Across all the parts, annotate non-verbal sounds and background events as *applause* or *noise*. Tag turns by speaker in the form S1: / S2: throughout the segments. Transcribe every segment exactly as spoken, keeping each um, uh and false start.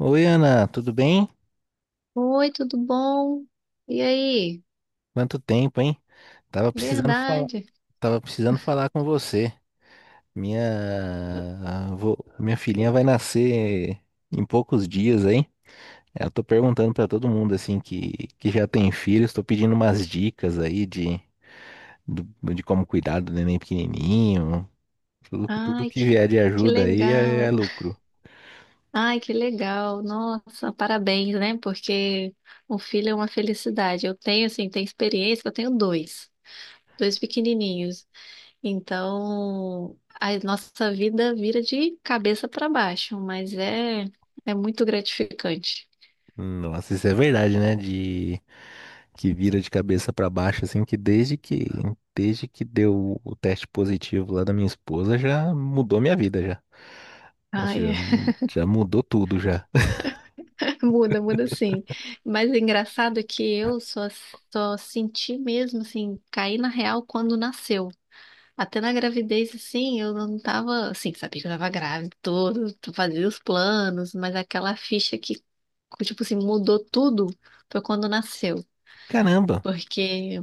S1: Oi, Ana, tudo bem?
S2: Oi, tudo bom? E aí?
S1: Quanto tempo, hein? Tava precisando falar,
S2: Verdade.
S1: tava precisando falar com você. Minha, vô- minha filhinha vai nascer em poucos dias, hein? Eu tô perguntando pra todo mundo assim que, que já tem filhos, tô pedindo umas dicas aí de, do- de como cuidar do neném pequenininho. Tudo, tudo
S2: Ai,
S1: que
S2: que,
S1: vier de
S2: que
S1: ajuda aí é, é
S2: legal.
S1: lucro.
S2: Ai, que legal. Nossa, parabéns, né? Porque um filho é uma felicidade. Eu tenho, assim, tenho experiência, eu tenho dois, dois pequenininhos. Então, a nossa vida vira de cabeça para baixo, mas é, é muito gratificante.
S1: Nossa, isso é verdade, né? Que vira de cabeça pra baixo, assim, que desde que desde que deu o teste positivo lá da minha esposa, já mudou minha vida já. Nossa,
S2: Ai,
S1: já,
S2: é.
S1: já mudou tudo já. *laughs*
S2: Muda, muda sim. Mas é engraçado é que eu só, só senti mesmo, assim, cair na real quando nasceu. Até na gravidez, assim, eu não tava, assim, sabia que eu tava grávida, todo, fazia os planos, mas aquela ficha que, tipo assim, mudou tudo foi quando nasceu.
S1: Caramba,
S2: Porque,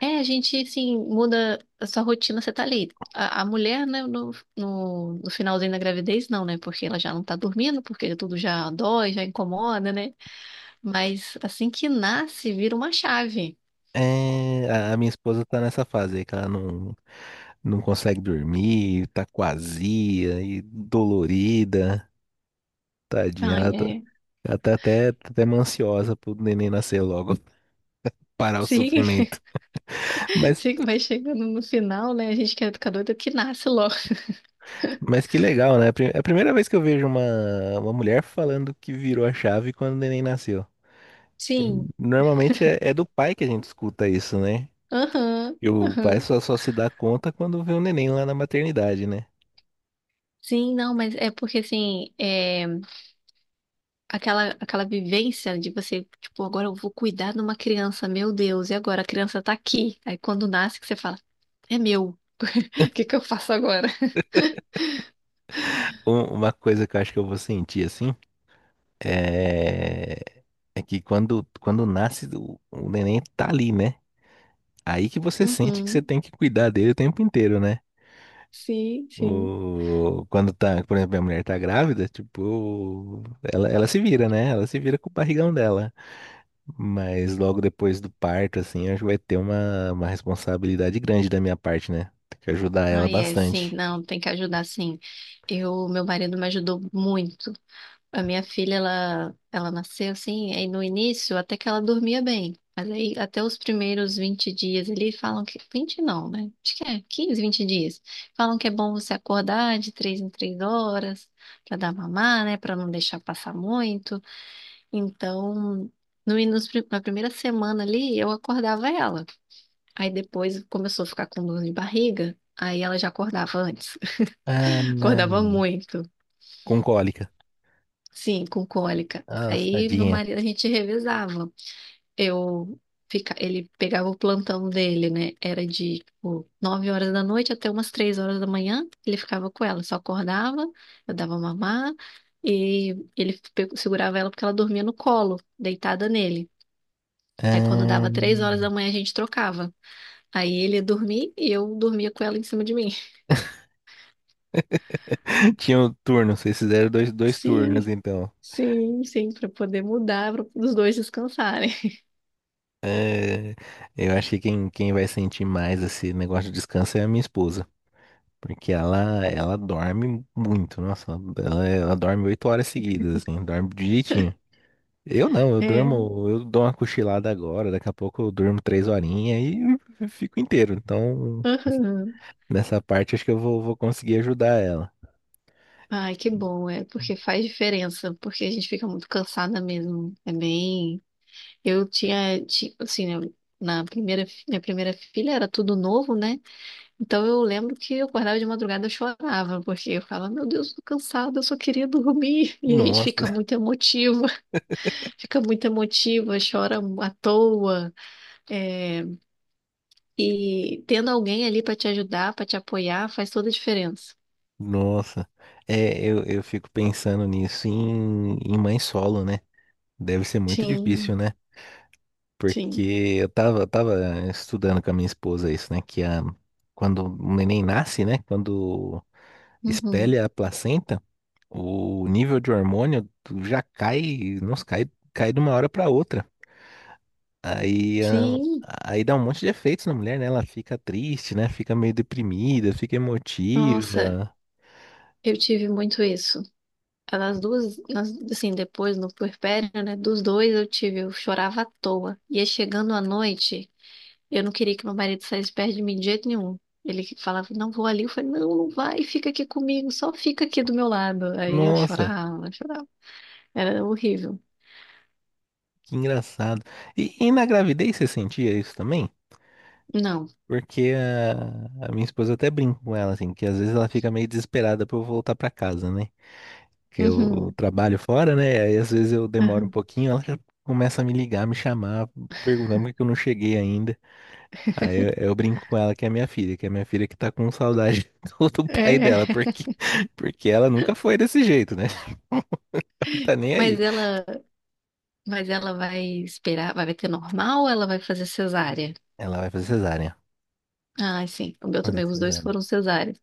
S2: é, a gente, assim, muda a sua rotina, você tá ali. A, a mulher, né, no, no, no finalzinho da gravidez, não, né? Porque ela já não tá dormindo, porque tudo já dói, já incomoda, né? Mas assim que nasce, vira uma chave.
S1: é, a a minha esposa tá nessa fase aí que ela não, não consegue dormir, tá quazia e dolorida, tadinha, ela
S2: Ai,
S1: tá,
S2: é.
S1: ela tá até, tá até ansiosa pro neném nascer logo, *laughs* parar o
S2: Sim,
S1: sofrimento.
S2: *laughs*
S1: Mas
S2: sim, vai chegando no final, né? A gente que é educador do que nasce logo.
S1: Mas que legal, né? Pri- É a primeira vez que eu vejo uma, uma mulher falando que virou a chave quando o neném nasceu. Que
S2: Sim,
S1: normalmente é, é do pai que a gente escuta isso, né?
S2: aham,
S1: E o pai
S2: aham.
S1: só, só se dá conta quando vê o neném lá na maternidade, né?
S2: Sim, não, mas é porque assim, é, aquela, aquela vivência de você, tipo, agora eu vou cuidar de uma criança, meu Deus, e agora a criança tá aqui. Aí quando nasce que você fala, é meu, *laughs* o que que eu faço agora?
S1: Um- Uma coisa que eu acho que eu vou sentir assim é, é que quando, quando nasce, o, o neném tá ali, né? Aí que você sente que você
S2: Uhum,
S1: tem que cuidar dele o tempo inteiro, né?
S2: sim, sim.
S1: O... Quando tá, por exemplo, minha mulher tá grávida, tipo, ela, ela se vira, né? Ela se vira com o barrigão dela. Mas logo depois do parto, assim, acho que vai ter uma, uma responsabilidade grande da minha parte, né? Tem que ajudar ela
S2: Ai, é, sim,
S1: bastante.
S2: não, tem que ajudar, sim. Eu, meu marido me ajudou muito. A minha filha, ela, ela nasceu assim, aí no início até que ela dormia bem. Mas aí até os primeiros vinte dias ali falam que vinte não, né? Acho que é quinze vinte dias. Falam que é bom você acordar de três em três horas pra dar mamar, né? Pra não deixar passar muito. Então, no, nos pri- na primeira semana ali, eu acordava ela. Aí depois começou a ficar com dor de barriga. Aí ela já acordava antes.
S1: Ah,
S2: Acordava muito,
S1: com cólica.
S2: sim, com cólica.
S1: Ah,
S2: Aí meu
S1: tadinha.
S2: marido, a gente revezava. Eu fica, ele pegava o plantão dele, né? Era de, tipo, nove horas da noite até umas três horas da manhã, ele ficava com ela, só acordava, eu dava mamar e ele pe- segurava ela porque ela dormia no colo, deitada nele. Aí quando
S1: Ah.
S2: dava três horas da manhã a gente trocava. Aí ele ia dormir e eu dormia com ela em cima de mim. *laughs*
S1: *laughs* Tinha um turno, vocês fizeram dois, dois turnos,
S2: Sim,
S1: então.
S2: sim, sim, para poder mudar, para os dois descansarem.
S1: Eu acho que quem, quem vai sentir mais esse negócio de descanso é a minha esposa. Porque ela, ela dorme muito, nossa, ela, ela dorme oito horas seguidas, assim, dorme direitinho. Eu não, eu
S2: É.
S1: durmo, eu dou uma cochilada agora, daqui a pouco eu durmo três horinhas e eu fico inteiro. Então,
S2: Aham.
S1: nessa parte acho que eu vou, vou conseguir ajudar ela.
S2: Ai, que bom, é porque faz diferença, porque a gente fica muito cansada mesmo. É bem. Eu tinha, ti- assim, né, na primeira, fi- minha primeira filha era tudo novo, né? Então eu lembro que eu acordava de madrugada, eu chorava, porque eu falava, meu Deus, tô cansada, eu só queria dormir. *laughs* E a gente
S1: Nossa,
S2: fica
S1: *laughs*
S2: muito emotiva, *laughs* fica muito emotiva, chora à toa. É, e tendo alguém ali pra te ajudar, pra te apoiar, faz toda a diferença.
S1: nossa. É, eu, eu fico pensando nisso em, em mãe solo, né? Deve ser muito
S2: Sim,
S1: difícil, né? Porque
S2: sim.
S1: eu tava, eu tava estudando com a minha esposa isso, né? Que a, quando o neném nasce, né? Quando
S2: Uhum.
S1: espelha a placenta, o nível de hormônio já cai, nossa, cai, cai de uma hora para outra. Aí, ah,
S2: Sim,
S1: aí dá um monte de efeitos na mulher, né? Ela fica triste, né? Fica meio deprimida, fica
S2: nossa,
S1: emotiva.
S2: eu tive muito isso. Nas duas, nas- assim, depois no puerpério, né, dos dois eu tive, eu chorava à toa. Ia chegando à noite, eu não queria que meu marido saísse perto de mim de jeito nenhum. Ele falava, não vou ali, eu falei, não, não vai, fica aqui comigo, só fica aqui do meu lado. Aí eu
S1: Nossa,
S2: chorava, chorava. Era horrível.
S1: que engraçado. E, e na gravidez você sentia isso também?
S2: Não.
S1: Porque a, a minha esposa eu até brinco com ela, assim, que às vezes ela fica meio desesperada pra eu voltar pra casa, né? Que eu
S2: Uhum,
S1: trabalho fora, né? Aí às vezes eu demoro um
S2: uhum.
S1: pouquinho, ela já começa a me ligar, me chamar, perguntando por que que eu não cheguei ainda. Aí eu, eu brinco com ela que é minha filha, que é minha filha que tá com saudade *laughs* do, do pai
S2: É.
S1: dela,
S2: *laughs*
S1: porque, porque ela nunca foi desse jeito, né? *laughs* Não tá nem aí.
S2: Mas ela, mas ela vai esperar, vai ter normal ou ela vai fazer cesárea?
S1: Ela vai fazer cesárea.
S2: Ah, sim, o meu
S1: Fazer
S2: também, os dois
S1: cesárea.
S2: foram cesáreas.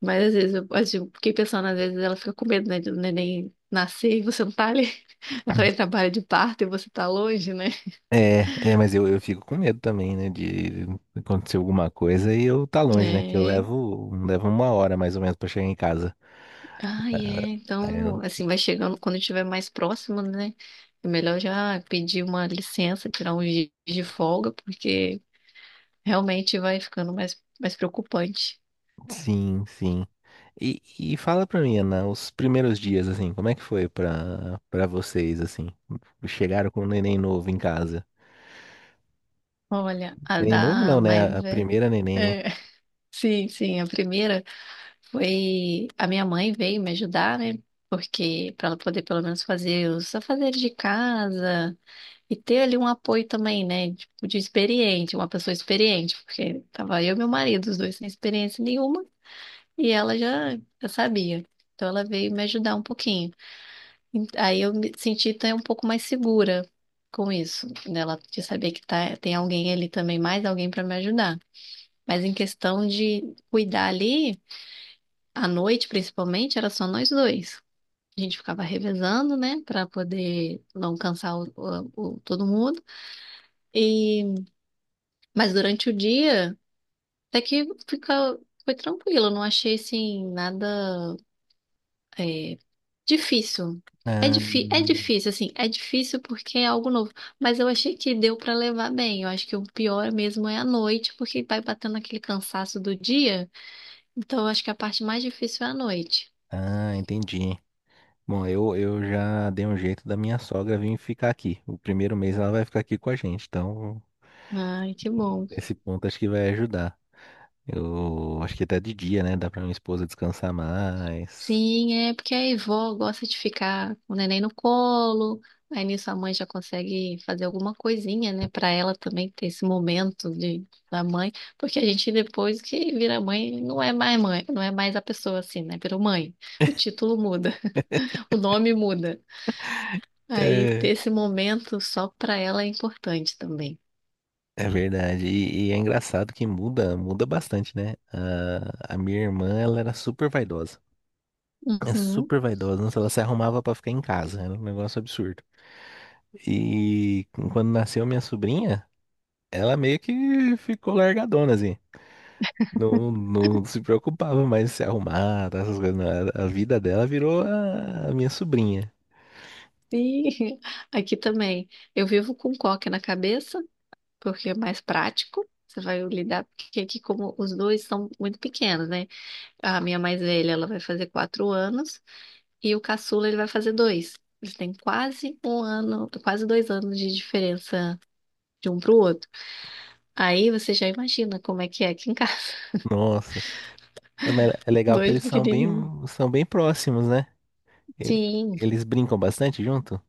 S2: Mas às vezes eu assim, eu tipo, fiquei pensando, às vezes ela fica com medo, né, do neném nascer e você não tá ali, *laughs* entrar em trabalho de parto e você tá longe, né?
S1: É, é, mas eu, eu fico com medo também, né, de acontecer alguma coisa e eu tá longe, né, que eu
S2: É.
S1: levo, levo uma hora mais ou menos pra chegar em casa.
S2: Ah, é.
S1: Ah, é,
S2: Então, assim, vai chegando quando estiver mais próximo, né? É melhor já pedir uma licença, tirar um dias de folga, porque realmente vai ficando mais, mais preocupante.
S1: sim, sim. E, e fala pra mim, Ana, os primeiros dias, assim, como é que foi pra, pra vocês, assim? Chegaram com um neném novo em casa.
S2: Olha, a
S1: Neném novo não,
S2: da
S1: né,
S2: mais
S1: a
S2: velha.
S1: primeira neném, né?
S2: É, *laughs* sim, sim, a primeira. Foi a minha mãe veio me ajudar, né? Porque para ela poder pelo menos fazer os afazeres de casa e ter ali um apoio também, né? Tipo, de experiente, uma pessoa experiente, porque tava eu e meu marido, os dois sem experiência nenhuma, e ela já, já sabia. Então ela veio me ajudar um pouquinho. E aí eu me senti até um pouco mais segura com isso, né? Ela de saber que tá, tem alguém ali também, mais alguém para me ajudar. Mas em questão de cuidar ali. À noite, principalmente, era só nós dois. A gente ficava revezando, né, pra poder não cansar o, o- o- todo mundo. E mas durante o dia, até que fica foi tranquilo. Eu não achei assim nada é, difícil. É,
S1: Ah,
S2: difí é difícil, assim, é difícil porque é algo novo. Mas eu achei que deu pra levar bem. Eu acho que o pior mesmo é a noite, porque vai batendo aquele cansaço do dia. Então, eu acho que a parte mais difícil é a noite.
S1: ah, entendi. Bom, eu, eu já dei um jeito da minha sogra vir ficar aqui. O primeiro mês ela vai ficar aqui com a gente, então...
S2: Ai, que bom.
S1: Esse ponto acho que vai ajudar. Eu acho que até de dia, né? Dá pra minha esposa descansar mais.
S2: Sim, é porque a avó gosta de ficar com o neném no colo, aí nisso a mãe já consegue fazer alguma coisinha, né, pra ela também ter esse momento de, da mãe, porque a gente depois que vira mãe não é mais mãe, não é mais a pessoa assim, né, virou mãe. O título muda, *laughs* o nome muda. Aí ter
S1: É,
S2: esse momento só pra ela é importante também.
S1: É verdade. E, e é engraçado que muda, muda bastante, né? A, a minha irmã, ela era super vaidosa. É
S2: Uhum.
S1: super vaidosa. Nossa, ela se arrumava pra ficar em casa. Era um negócio absurdo. E quando nasceu minha sobrinha, ela meio que ficou largadona, assim. Não, não se preocupava mais em se arrumar, tá, essas coisas. Não. A a vida dela virou a a minha sobrinha.
S2: E *laughs* aqui também, eu vivo com coque na cabeça, porque é mais prático. Você vai lidar, porque aqui como os dois são muito pequenos, né? A minha mais velha, ela vai fazer quatro anos e o caçula, ele vai fazer dois. Eles têm quase um ano, quase dois anos de diferença de um para o outro. Aí você já imagina como é que é aqui em casa. *laughs*
S1: Nossa. É, mas é legal que
S2: Dois
S1: eles são bem,
S2: pequenininhos.
S1: são bem próximos, né? Ele-
S2: Sim.
S1: Eles brincam bastante junto?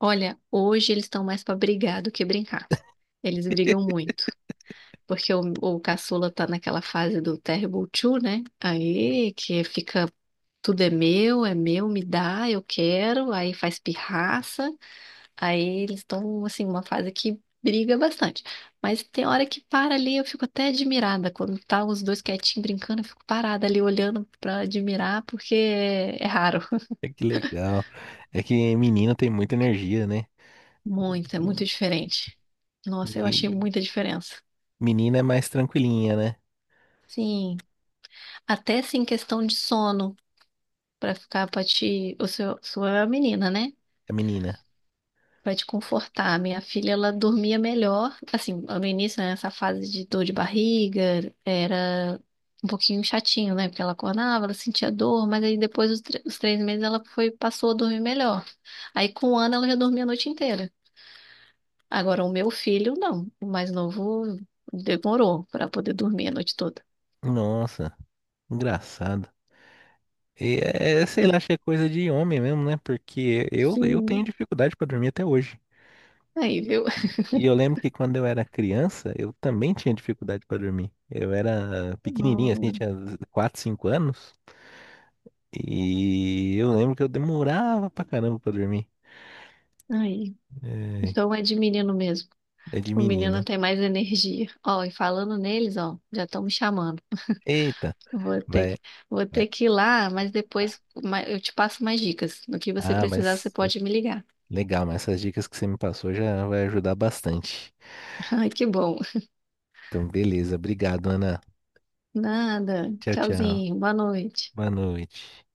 S2: Olha, hoje eles estão mais para brigar do que brincar. Eles brigam muito. Porque o, o caçula tá naquela fase do Terrible Two, né? Aí que fica tudo é meu, é meu, me dá, eu quero, aí faz pirraça, aí eles estão, assim, uma fase que briga bastante. Mas tem hora que para ali, eu fico até admirada. Quando tá os dois quietinhos brincando, eu fico parada ali olhando pra admirar, porque é, é raro. *laughs*
S1: É, que legal. É que menino tem muita energia, né?
S2: Muito, é muito diferente. Nossa, eu achei
S1: Me-
S2: muita diferença.
S1: Menina é mais tranquilinha, né?
S2: Sim, até assim, questão de sono, pra ficar pra ti, o seu, sua menina, né?
S1: A menina.
S2: Pra te confortar. Minha filha, ela dormia melhor. Assim, no início, né, essa fase de dor de barriga era um pouquinho chatinho, né? Porque ela acordava, ela sentia dor, mas aí depois dos tre- os três meses ela foi, passou a dormir melhor. Aí com um ano ela já dormia a noite inteira. Agora o meu filho, não. O mais novo demorou pra poder dormir a noite toda.
S1: Nossa, engraçado. E é, sei lá, acho que é coisa de homem mesmo, né? Porque eu, eu tenho
S2: Sim.
S1: dificuldade pra dormir até hoje.
S2: Aí, viu?
S1: E, e eu lembro que quando eu era criança, eu também tinha dificuldade pra dormir. Eu era pequenininho, assim,
S2: Hum.
S1: tinha quatro, cinco anos. E eu lembro que eu demorava pra caramba pra dormir.
S2: Aí.
S1: É,
S2: Então é de menino mesmo.
S1: é de
S2: O menino
S1: menina.
S2: tem mais energia. Ó, e falando neles, ó, já estão me chamando.
S1: Eita,
S2: Vou ter
S1: vai,
S2: que, vou
S1: vai.
S2: ter que ir lá, mas depois ma- eu te passo mais dicas. No que você
S1: Ah,
S2: precisar, você
S1: mas
S2: pode me ligar.
S1: legal, mas essas dicas que você me passou já vai ajudar bastante.
S2: *laughs* Ai, que bom.
S1: Então, beleza. Obrigado, Ana.
S2: Nada.
S1: Tchau, tchau.
S2: Tchauzinho. Boa noite.
S1: Boa noite.